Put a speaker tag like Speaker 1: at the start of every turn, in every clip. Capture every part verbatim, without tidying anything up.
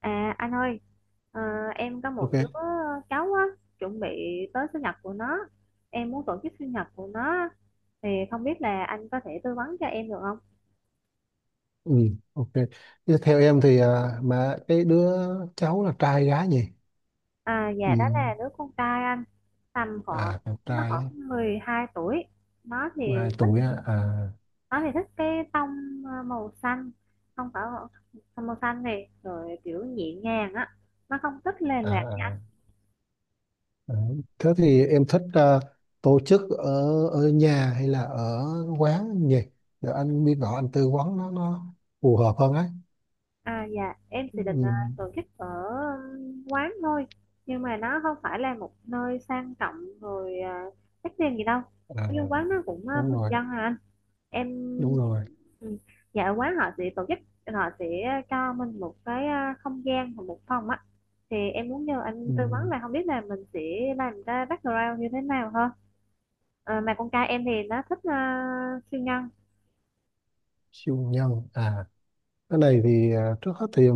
Speaker 1: À anh ơi, ờ, em có một
Speaker 2: ok
Speaker 1: đứa cháu á, chuẩn bị tới sinh nhật của nó. Em muốn tổ chức sinh nhật của nó thì không biết là anh có thể tư vấn cho em được không?
Speaker 2: ừ, ok Thế theo em thì à, mà cái đứa cháu là trai gái nhỉ?
Speaker 1: À
Speaker 2: Ừ.
Speaker 1: dạ đó là đứa con trai anh, tầm
Speaker 2: À,
Speaker 1: khoảng
Speaker 2: con
Speaker 1: nó
Speaker 2: trai á,
Speaker 1: khoảng mười hai tuổi. Nó thì
Speaker 2: mười hai
Speaker 1: thích
Speaker 2: tuổi á. À,
Speaker 1: nó thì thích cái tông ờ, màu xanh, không phải tông màu xanh này rồi kiểu nhẹ nhàng á. Nó không thích lề
Speaker 2: à,
Speaker 1: lạc.
Speaker 2: à, à. Thế thì em thích à, tổ chức ở ở nhà hay là ở quán nhỉ, để anh biết rõ anh tư vấn nó nó phù hợp hơn ấy.
Speaker 1: À dạ, em thì định ờ,
Speaker 2: Ừ.
Speaker 1: tổ chức ở ừm, quán thôi. Nhưng mà nó không phải là một nơi sang trọng rồi uh, đắt tiền gì đâu.
Speaker 2: à,
Speaker 1: Cái quán nó cũng ờ,
Speaker 2: Đúng
Speaker 1: bình
Speaker 2: rồi,
Speaker 1: dân à anh. Em
Speaker 2: đúng rồi.
Speaker 1: ừ. Dạ ở quán họ sẽ tổ chức. Họ sẽ cho mình một cái ờ, không gian và một phòng á. Thì em muốn nhờ anh
Speaker 2: Ừ.
Speaker 1: tư vấn là không biết là mình sẽ làm ra background như thế nào hơn. Ờ, Mà con trai em thì nó thích ờ, siêu nhân.
Speaker 2: Siêu nhân à? Cái này thì à, trước hết thì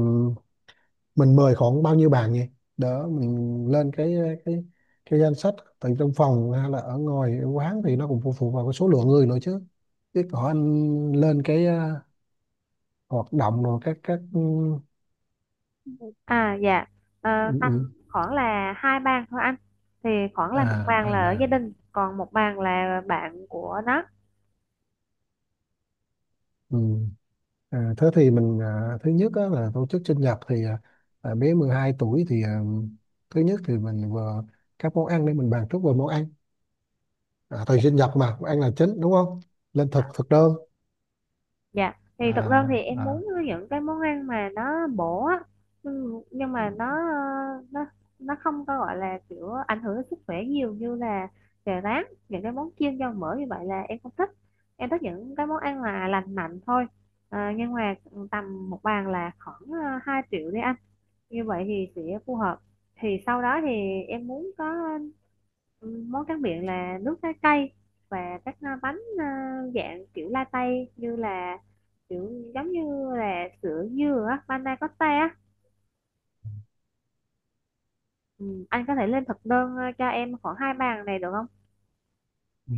Speaker 2: mình mời khoảng bao nhiêu bạn nhỉ, đỡ mình lên cái cái cái danh sách, từ trong phòng hay là ở ngoài ở quán thì nó cũng phụ thuộc vào cái số lượng người nữa chứ. Chứ có anh lên cái ờ, hoạt động rồi các các ừ,
Speaker 1: À dạ. Ờ,
Speaker 2: ừ,
Speaker 1: Tầm
Speaker 2: ừ.
Speaker 1: khoảng là hai bàn thôi anh, thì khoảng là một
Speaker 2: À,
Speaker 1: bàn
Speaker 2: hai
Speaker 1: là ở
Speaker 2: bạn.
Speaker 1: gia đình còn một bàn là bạn của nó.
Speaker 2: Ừ. À, thế thì mình à, thứ nhất á, là tổ chức sinh nhật thì à, à, bé mười hai tuổi thì à, thứ nhất thì mình vừa các món ăn, để mình bàn trước về món ăn. À, thời sinh nhật mà món ăn là chính đúng không, lên thực thực đơn.
Speaker 1: Dạ thì thực ra thì
Speaker 2: À,
Speaker 1: em
Speaker 2: à.
Speaker 1: muốn những cái món ăn mà nó bổ á, nhưng nhưng mà nó ờ, nó nó không có gọi là kiểu ảnh hưởng đến sức khỏe nhiều như là chè rán, những cái món chiên dầu mỡ như vậy là em không thích. Em thích những cái món ăn là lành mạnh thôi. Ờ, nhưng mà tầm một bàn là khoảng ờ, hai triệu đi anh, như vậy thì sẽ phù hợp. Thì sau đó thì em muốn có ừ, món tráng miệng là nước trái cây và các à, bánh à, dạng kiểu latte, như là kiểu giống như là sữa dừa á, panna cotta á. ừ, anh có thể lên thực đơn à, cho em khoảng hai bàn này được không?
Speaker 2: Ừ.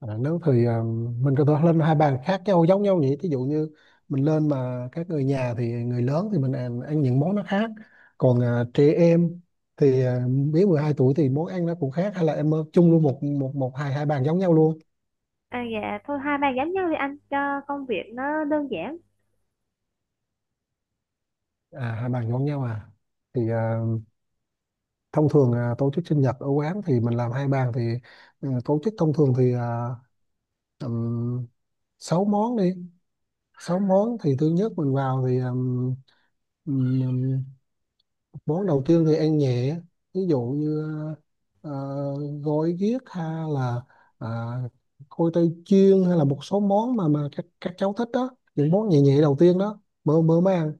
Speaker 2: À, nếu thì à, mình có thể lên hai bàn khác nhau giống nhau nhỉ, ví dụ như mình lên mà các người nhà thì người lớn thì mình ăn, ăn những món nó khác, còn à, trẻ em thì à, dưới mười hai tuổi thì món ăn nó cũng khác, hay là em ờ, chung luôn một một một hai hai bàn giống nhau luôn?
Speaker 1: À, dạ thôi hai bàn giống nhau đi anh cho công việc nó đơn giản.
Speaker 2: À, hai bàn giống nhau à? Thì à, thông thường à, tổ chức sinh nhật ở quán thì mình làm hai bàn thì ừ, tổ chức thông thường thì à, tầm sáu món đi. Sáu món thì thứ nhất mình vào thì um, món đầu tiên thì ăn nhẹ, ví dụ như ờ, gói ghiếc hay là à, khoai tây chiên, hay là một số món mà mà các các cháu thích đó, những món nhẹ nhẹ đầu tiên đó mơ mơ mới ăn.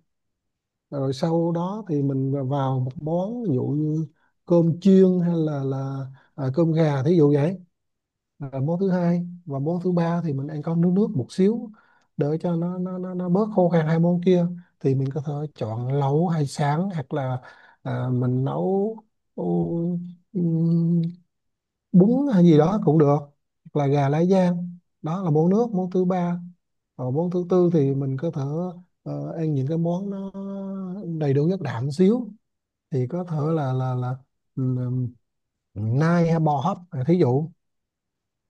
Speaker 2: Rồi sau đó thì mình vào một món, ví dụ như cơm chiên hay là là à, cơm gà thí dụ vậy. Ờ, môn thứ hai và môn thứ ba thì mình ăn có nước nước một xíu, để cho nó nó nó, nó bớt khô khan hai môn kia. Thì mình có thể chọn lẩu hay sáng, hoặc là à, mình nấu ừ, ừm, bún hay gì đó cũng được, hoặc là gà lá giang, đó là môn nước, môn thứ ba. Còn môn thứ tư thì mình có thể ờ, ăn những cái món nó đầy đủ chất đạm xíu, thì có thể là là là ừm, nai hay bò hấp à, thí dụ.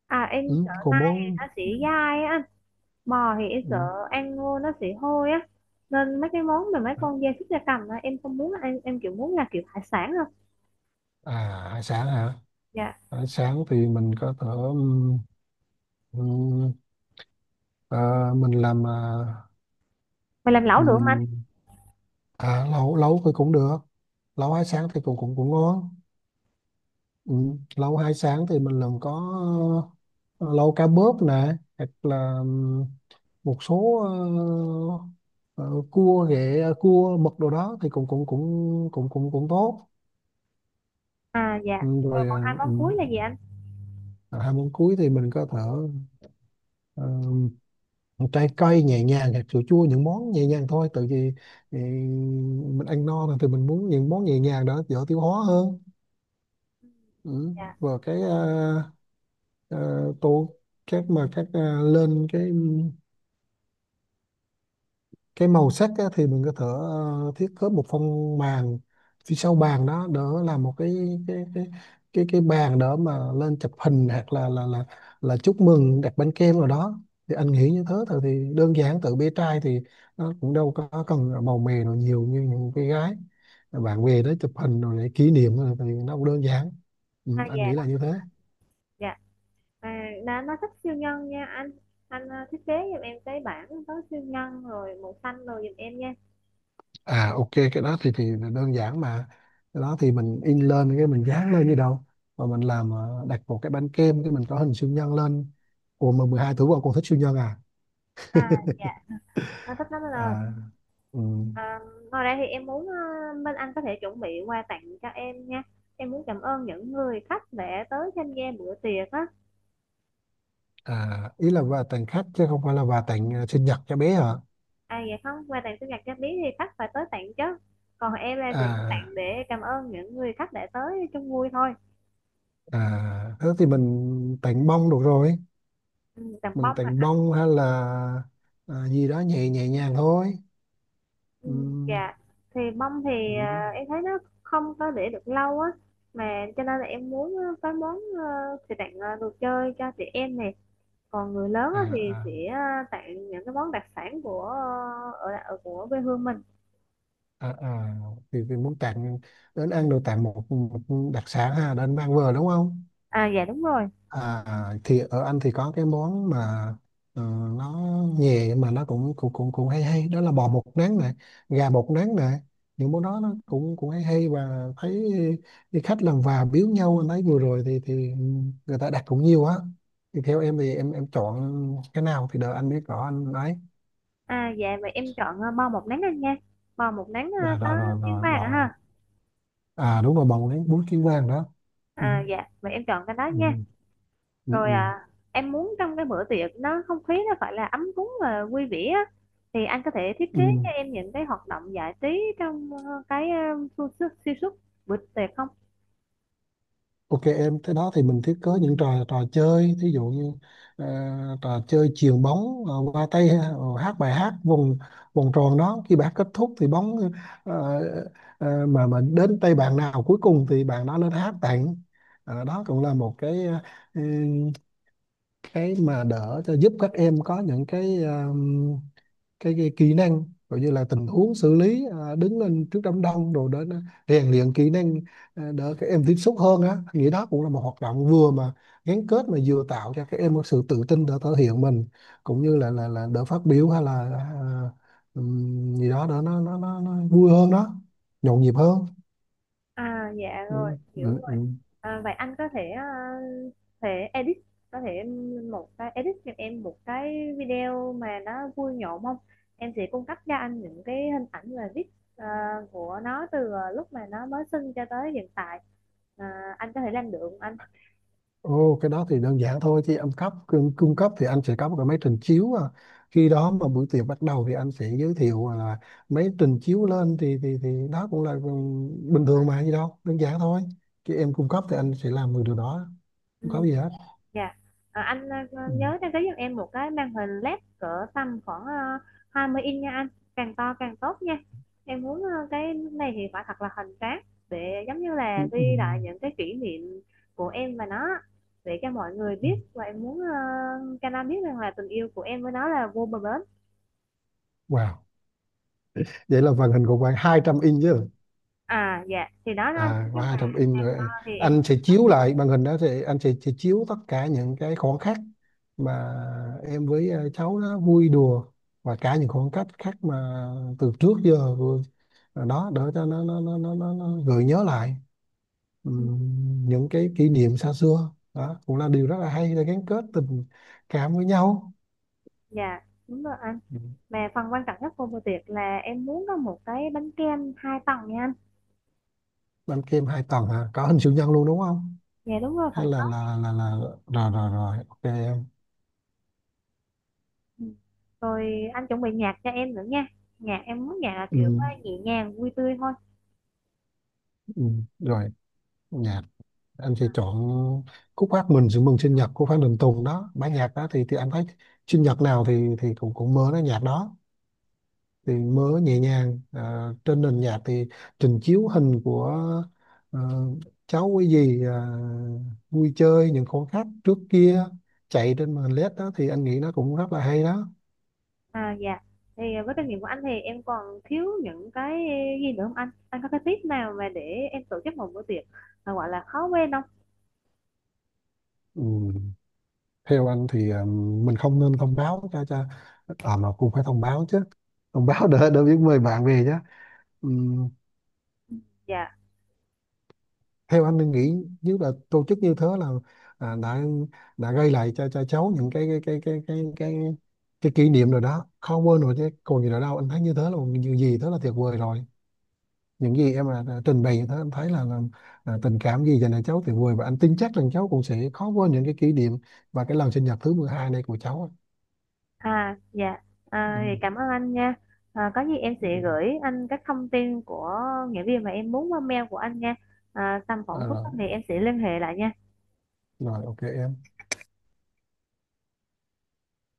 Speaker 1: À em
Speaker 2: Ừ,
Speaker 1: sợ
Speaker 2: còn
Speaker 1: nay thì
Speaker 2: món
Speaker 1: nó sẽ dai á, bò thì em
Speaker 2: ừ.
Speaker 1: sợ ăn vô nó sẽ hôi á, nên mấy cái món mà mấy con gia súc gia cầm á em không muốn ăn, em kiểu muốn là kiểu hải sản thôi.
Speaker 2: À, hải sản hả?
Speaker 1: Dạ
Speaker 2: Hải sản thì mình có thể ừm, ừm, à, mình làm à,
Speaker 1: mày làm lẩu được không anh?
Speaker 2: ừm, à, lẩu lẩu thì cũng được. Lẩu hải sản thì cũng cũng cũng ngon. Ừm, Lẩu hải sản thì mình làm có ờ, lẩu cá bớp nè, hoặc là ừm, một số ờ, ờ, cua ghẹ, cua mực đồ đó thì cũng cũng cũng cũng cũng cũng tốt.
Speaker 1: À dạ.
Speaker 2: Ừm,
Speaker 1: Rồi
Speaker 2: Rồi à,
Speaker 1: còn hai món cuối
Speaker 2: ừm,
Speaker 1: là gì anh?
Speaker 2: à, hai món cuối thì mình có thể trái cây nhẹ nhàng, hạt sữa chua, những món nhẹ nhàng thôi, tại vì ừ, mình ăn no rồi thì mình muốn những món nhẹ nhàng đó dễ tiêu hóa hơn.
Speaker 1: Ừ,
Speaker 2: Ừ.
Speaker 1: dạ.
Speaker 2: Và cái ờ, ờ, tô các mà các ờ, lên cái cái màu sắc á, thì mình có thể ờ, thiết kế một phong màn phía sau bàn đó, đỡ làm một cái cái cái cái cái bàn đỡ mà lên chụp hình, hoặc là là là là chúc mừng đặt bánh kem rồi đó. Thì anh nghĩ như thế thôi thì đơn giản, tự bé trai thì nó cũng đâu có cần màu mè nào nhiều như những cái gái, bạn về đó chụp hình rồi để kỷ niệm, rồi thì nó cũng đơn giản. Ừ,
Speaker 1: À
Speaker 2: anh
Speaker 1: dạ
Speaker 2: nghĩ
Speaker 1: đó.
Speaker 2: là như thế.
Speaker 1: Dạ. À, nó nó thích siêu nhân nha anh anh ờ, thiết kế giùm em cái bảng có siêu nhân rồi màu xanh rồi giùm em nha.
Speaker 2: À ok, cái đó thì thì đơn giản mà. Cái đó thì mình in lên cái mình dán lên như đâu, mà mình làm ờ, đặt một cái bánh kem cái mình có hình siêu nhân lên. Ủa mà mười hai tuổi qua con thích siêu nhân à?
Speaker 1: À dạ, nó thích lắm anh ơi.
Speaker 2: À, ừ.
Speaker 1: À, ngoài ra thì em muốn ờ, bên anh có thể chuẩn bị quà tặng cho em nha, em muốn cảm ơn những người khách đã tới tham gia bữa tiệc á.
Speaker 2: À, ý là quà tặng khách chứ không phải là quà tặng ờ, sinh nhật cho bé hả?
Speaker 1: À dạ không, quà tặng sinh nhật cho Lý thì khách phải tới tặng chứ. Còn em là chỉ
Speaker 2: À,
Speaker 1: tặng để cảm ơn những người khách đã tới chung vui thôi.
Speaker 2: à, thế thì mình tặng bông được rồi.
Speaker 1: Ừ, tặng
Speaker 2: Mình
Speaker 1: bông
Speaker 2: tặng
Speaker 1: hả?
Speaker 2: bông hay là à, gì đó nhẹ nhẹ nhàng thôi.
Speaker 1: Ừ,
Speaker 2: Ừ,
Speaker 1: dạ. Thì bông thì
Speaker 2: ừ.
Speaker 1: à, em thấy nó không có để được lâu á. Mà cho nên là em muốn ờ, có món ờ, thì tặng ờ, đồ chơi cho chị em này. Còn người lớn
Speaker 2: À,
Speaker 1: á, thì
Speaker 2: à.
Speaker 1: sẽ ờ, tặng những cái món đặc sản của ờ, ở, ở của quê hương mình.
Speaker 2: À, à, thì, thì muốn tặng đến ăn đồ, tặng một, một đặc sản ha đến mang vừa đúng không?
Speaker 1: À dạ đúng rồi.
Speaker 2: À, thì ở anh thì có cái món mà ờ, nó nhẹ mà nó cũng cũng cũng cũng hay hay, đó là bò bột nắng này, gà bột nắng này. Những món đó nó cũng cũng hay hay và thấy đi khách lần vào biếu nhau, anh thấy vừa rồi thì thì người ta đặt cũng nhiều á. Thì theo em thì em em chọn cái nào thì đợi anh biết rõ anh ấy.
Speaker 1: À dạ mà em chọn ờ, bò một nắng anh nha. Bò một nắng ờ,
Speaker 2: rồi
Speaker 1: có
Speaker 2: rồi rồi,
Speaker 1: tiếng
Speaker 2: rồi
Speaker 1: vàng á
Speaker 2: bò,
Speaker 1: ha.
Speaker 2: à đúng rồi bò bột nén bún kim vàng đó. Ừ.
Speaker 1: À, dạ, vậy em chọn cái đó
Speaker 2: Ừ.
Speaker 1: nha.
Speaker 2: Ừ,
Speaker 1: Rồi
Speaker 2: ừ,
Speaker 1: à, em muốn trong cái bữa tiệc nó không khí nó phải là ấm cúng và vui vẻ á. Thì anh có thể thiết kế
Speaker 2: ừ.
Speaker 1: cho em những cái hoạt động giải trí trong ờ, cái ờ, su- su- suy suốt bữa tiệc không?
Speaker 2: Ok em, thế đó thì mình thiết kế những trò trò chơi, thí dụ như ờ, trò chơi chuyền bóng ờ, qua tay, ờ, hát bài hát vòng vòng tròn đó, khi bài hát kết thúc thì bóng ờ, ờ, mà mà đến tay bạn nào cuối cùng thì bạn đó lên hát tặng. Ờ, đó cũng là một cái ờ, cái mà đỡ cho giúp các em có những cái ờ, cái, cái kỹ năng, gọi như là tình huống xử lý à, đứng lên trước đám đông rồi đến à, rèn luyện kỹ năng, à, đỡ các em tiếp xúc hơn á. Anh nghĩ đó cũng là một hoạt động vừa mà gắn kết mà vừa tạo cho các em một sự tự tin để thể hiện mình, cũng như là là là đỡ phát biểu hay là à, ừm, gì đó đỡ nó nó nó, nó vui hơn đó, nhộn nhịp hơn.
Speaker 1: À dạ
Speaker 2: ừ,
Speaker 1: rồi, hiểu
Speaker 2: ừ,
Speaker 1: rồi.
Speaker 2: ừ.
Speaker 1: À, vậy anh có thể ờ, thể edit có thể một cái edit cho em một cái video mà nó vui nhộn không? Em sẽ cung cấp cho anh những cái hình ảnh và viết ờ, của nó từ ờ, lúc mà nó mới sinh cho tới hiện tại. À, anh có thể làm được không anh?
Speaker 2: Ồ, cái đó thì đơn giản thôi chứ anh cấp cung, cung cấp thì anh sẽ có một cái máy trình chiếu à. Khi đó mà buổi tiệc bắt đầu thì anh sẽ giới thiệu là máy trình chiếu lên thì thì thì đó cũng là ừm, bình thường mà gì đâu đơn giản thôi, chứ em cung cấp thì anh sẽ làm được điều đó, không có
Speaker 1: Ừ.
Speaker 2: gì hết.
Speaker 1: Dạ. Ờ, anh ờ,
Speaker 2: Ừ.
Speaker 1: nhớ đăng ký giùm em một cái màn hình lét cỡ tầm khoảng ờ, hai mươi inch nha anh. Càng to càng tốt nha. Em muốn ờ, cái này thì phải thật là hoành tráng để giống như
Speaker 2: Ừ.
Speaker 1: là
Speaker 2: ừ,
Speaker 1: ghi lại những cái kỷ niệm của em và nó để cho mọi người
Speaker 2: ừ.
Speaker 1: biết và em muốn ờ, cho nó biết rằng là tình yêu của em với nó là vô bờ bến.
Speaker 2: Wow, vậy là màn hình của bạn hai trăm inch chứ?
Speaker 1: À dạ, thì đó đó anh.
Speaker 2: À,
Speaker 1: Nói
Speaker 2: qua
Speaker 1: chung
Speaker 2: hai tập
Speaker 1: là
Speaker 2: in
Speaker 1: càng to
Speaker 2: rồi,
Speaker 1: thì em
Speaker 2: anh sẽ chiếu lại màn hình đó thì anh sẽ, sẽ chiếu tất cả những cái khoảnh khắc mà em với ờ, cháu đó vui đùa, và cả những khoảng cách khác mà từ trước giờ vừa- đó, để cho nó nó nó nó, nó, nó gợi nhớ lại.
Speaker 1: ừ.
Speaker 2: Ừm, những cái kỷ niệm xa xưa đó cũng là điều rất là hay để gắn kết tình cảm với nhau.
Speaker 1: Dạ, đúng rồi anh.
Speaker 2: Ừm,
Speaker 1: Mà phần quan trọng nhất của bữa tiệc là em muốn có một cái bánh kem hai tầng nha anh.
Speaker 2: bánh kem hai tầng hả, có hình siêu nhân luôn đúng không?
Speaker 1: Dạ đúng rồi,
Speaker 2: Hay
Speaker 1: phải.
Speaker 2: là là là là, là rồi rồi rồi ok em.
Speaker 1: Ừ. Rồi anh chuẩn bị nhạc cho em nữa nha. Nhạc em muốn nhạc là kiểu ờ,
Speaker 2: Ừm,
Speaker 1: nhẹ nhàng, vui tươi thôi.
Speaker 2: ừm, Rồi, dạ anh sẽ chọn khúc hát mình sự mừng sinh nhật của Phan Đình Tùng đó, bản nhạc đó thì thì anh thấy sinh nhật nào thì thì cũng cũng mơ nó nhạc đó, thì mơ nhẹ nhàng. Ờ, trên nền nhạc thì trình chiếu hình của ờ, cháu, cái gì ờ, vui chơi những khoảnh khắc trước kia chạy trên màn el i đi đó, thì anh nghĩ nó cũng rất là hay đó.
Speaker 1: À dạ. Thì ờ, với kinh nghiệm của anh thì em còn thiếu những cái gì nữa không anh? Anh có cái tip nào mà để em tổ chức một bữa tiệc mà gọi là khó quên không?
Speaker 2: Ừ. Theo anh thì ờ, mình không nên thông báo cho cho à mà cũng phải thông báo chứ, thông báo để để biết mời bạn về chứ. Ừ.
Speaker 1: Dạ.
Speaker 2: Theo anh nên nghĩ, nếu là tổ chức như thế là à, đã đã gây lại cho cho cháu những cái cái cái cái cái cái, cái kỷ niệm rồi đó, khó quên rồi chứ còn gì nữa đâu. Anh thấy như thế là một điều gì thế là tuyệt vời rồi. Những gì em à, đã trình bày như thế, anh thấy là, là à, tình cảm gì dành cho cháu tuyệt vời, và anh tin chắc rằng cháu cũng sẽ khó quên những cái kỷ niệm và cái lần sinh nhật thứ mười hai này của cháu.
Speaker 1: À dạ. À, thì
Speaker 2: Ừ.
Speaker 1: cảm ơn anh nha. À, có gì em
Speaker 2: Ừ.
Speaker 1: sẽ gửi anh các thông tin của nghĩa viên mà em muốn qua mail của anh nha. À, tầm khoảng
Speaker 2: À,
Speaker 1: cuối
Speaker 2: rồi,
Speaker 1: tuần thì em sẽ liên hệ lại nha.
Speaker 2: rồi ok em.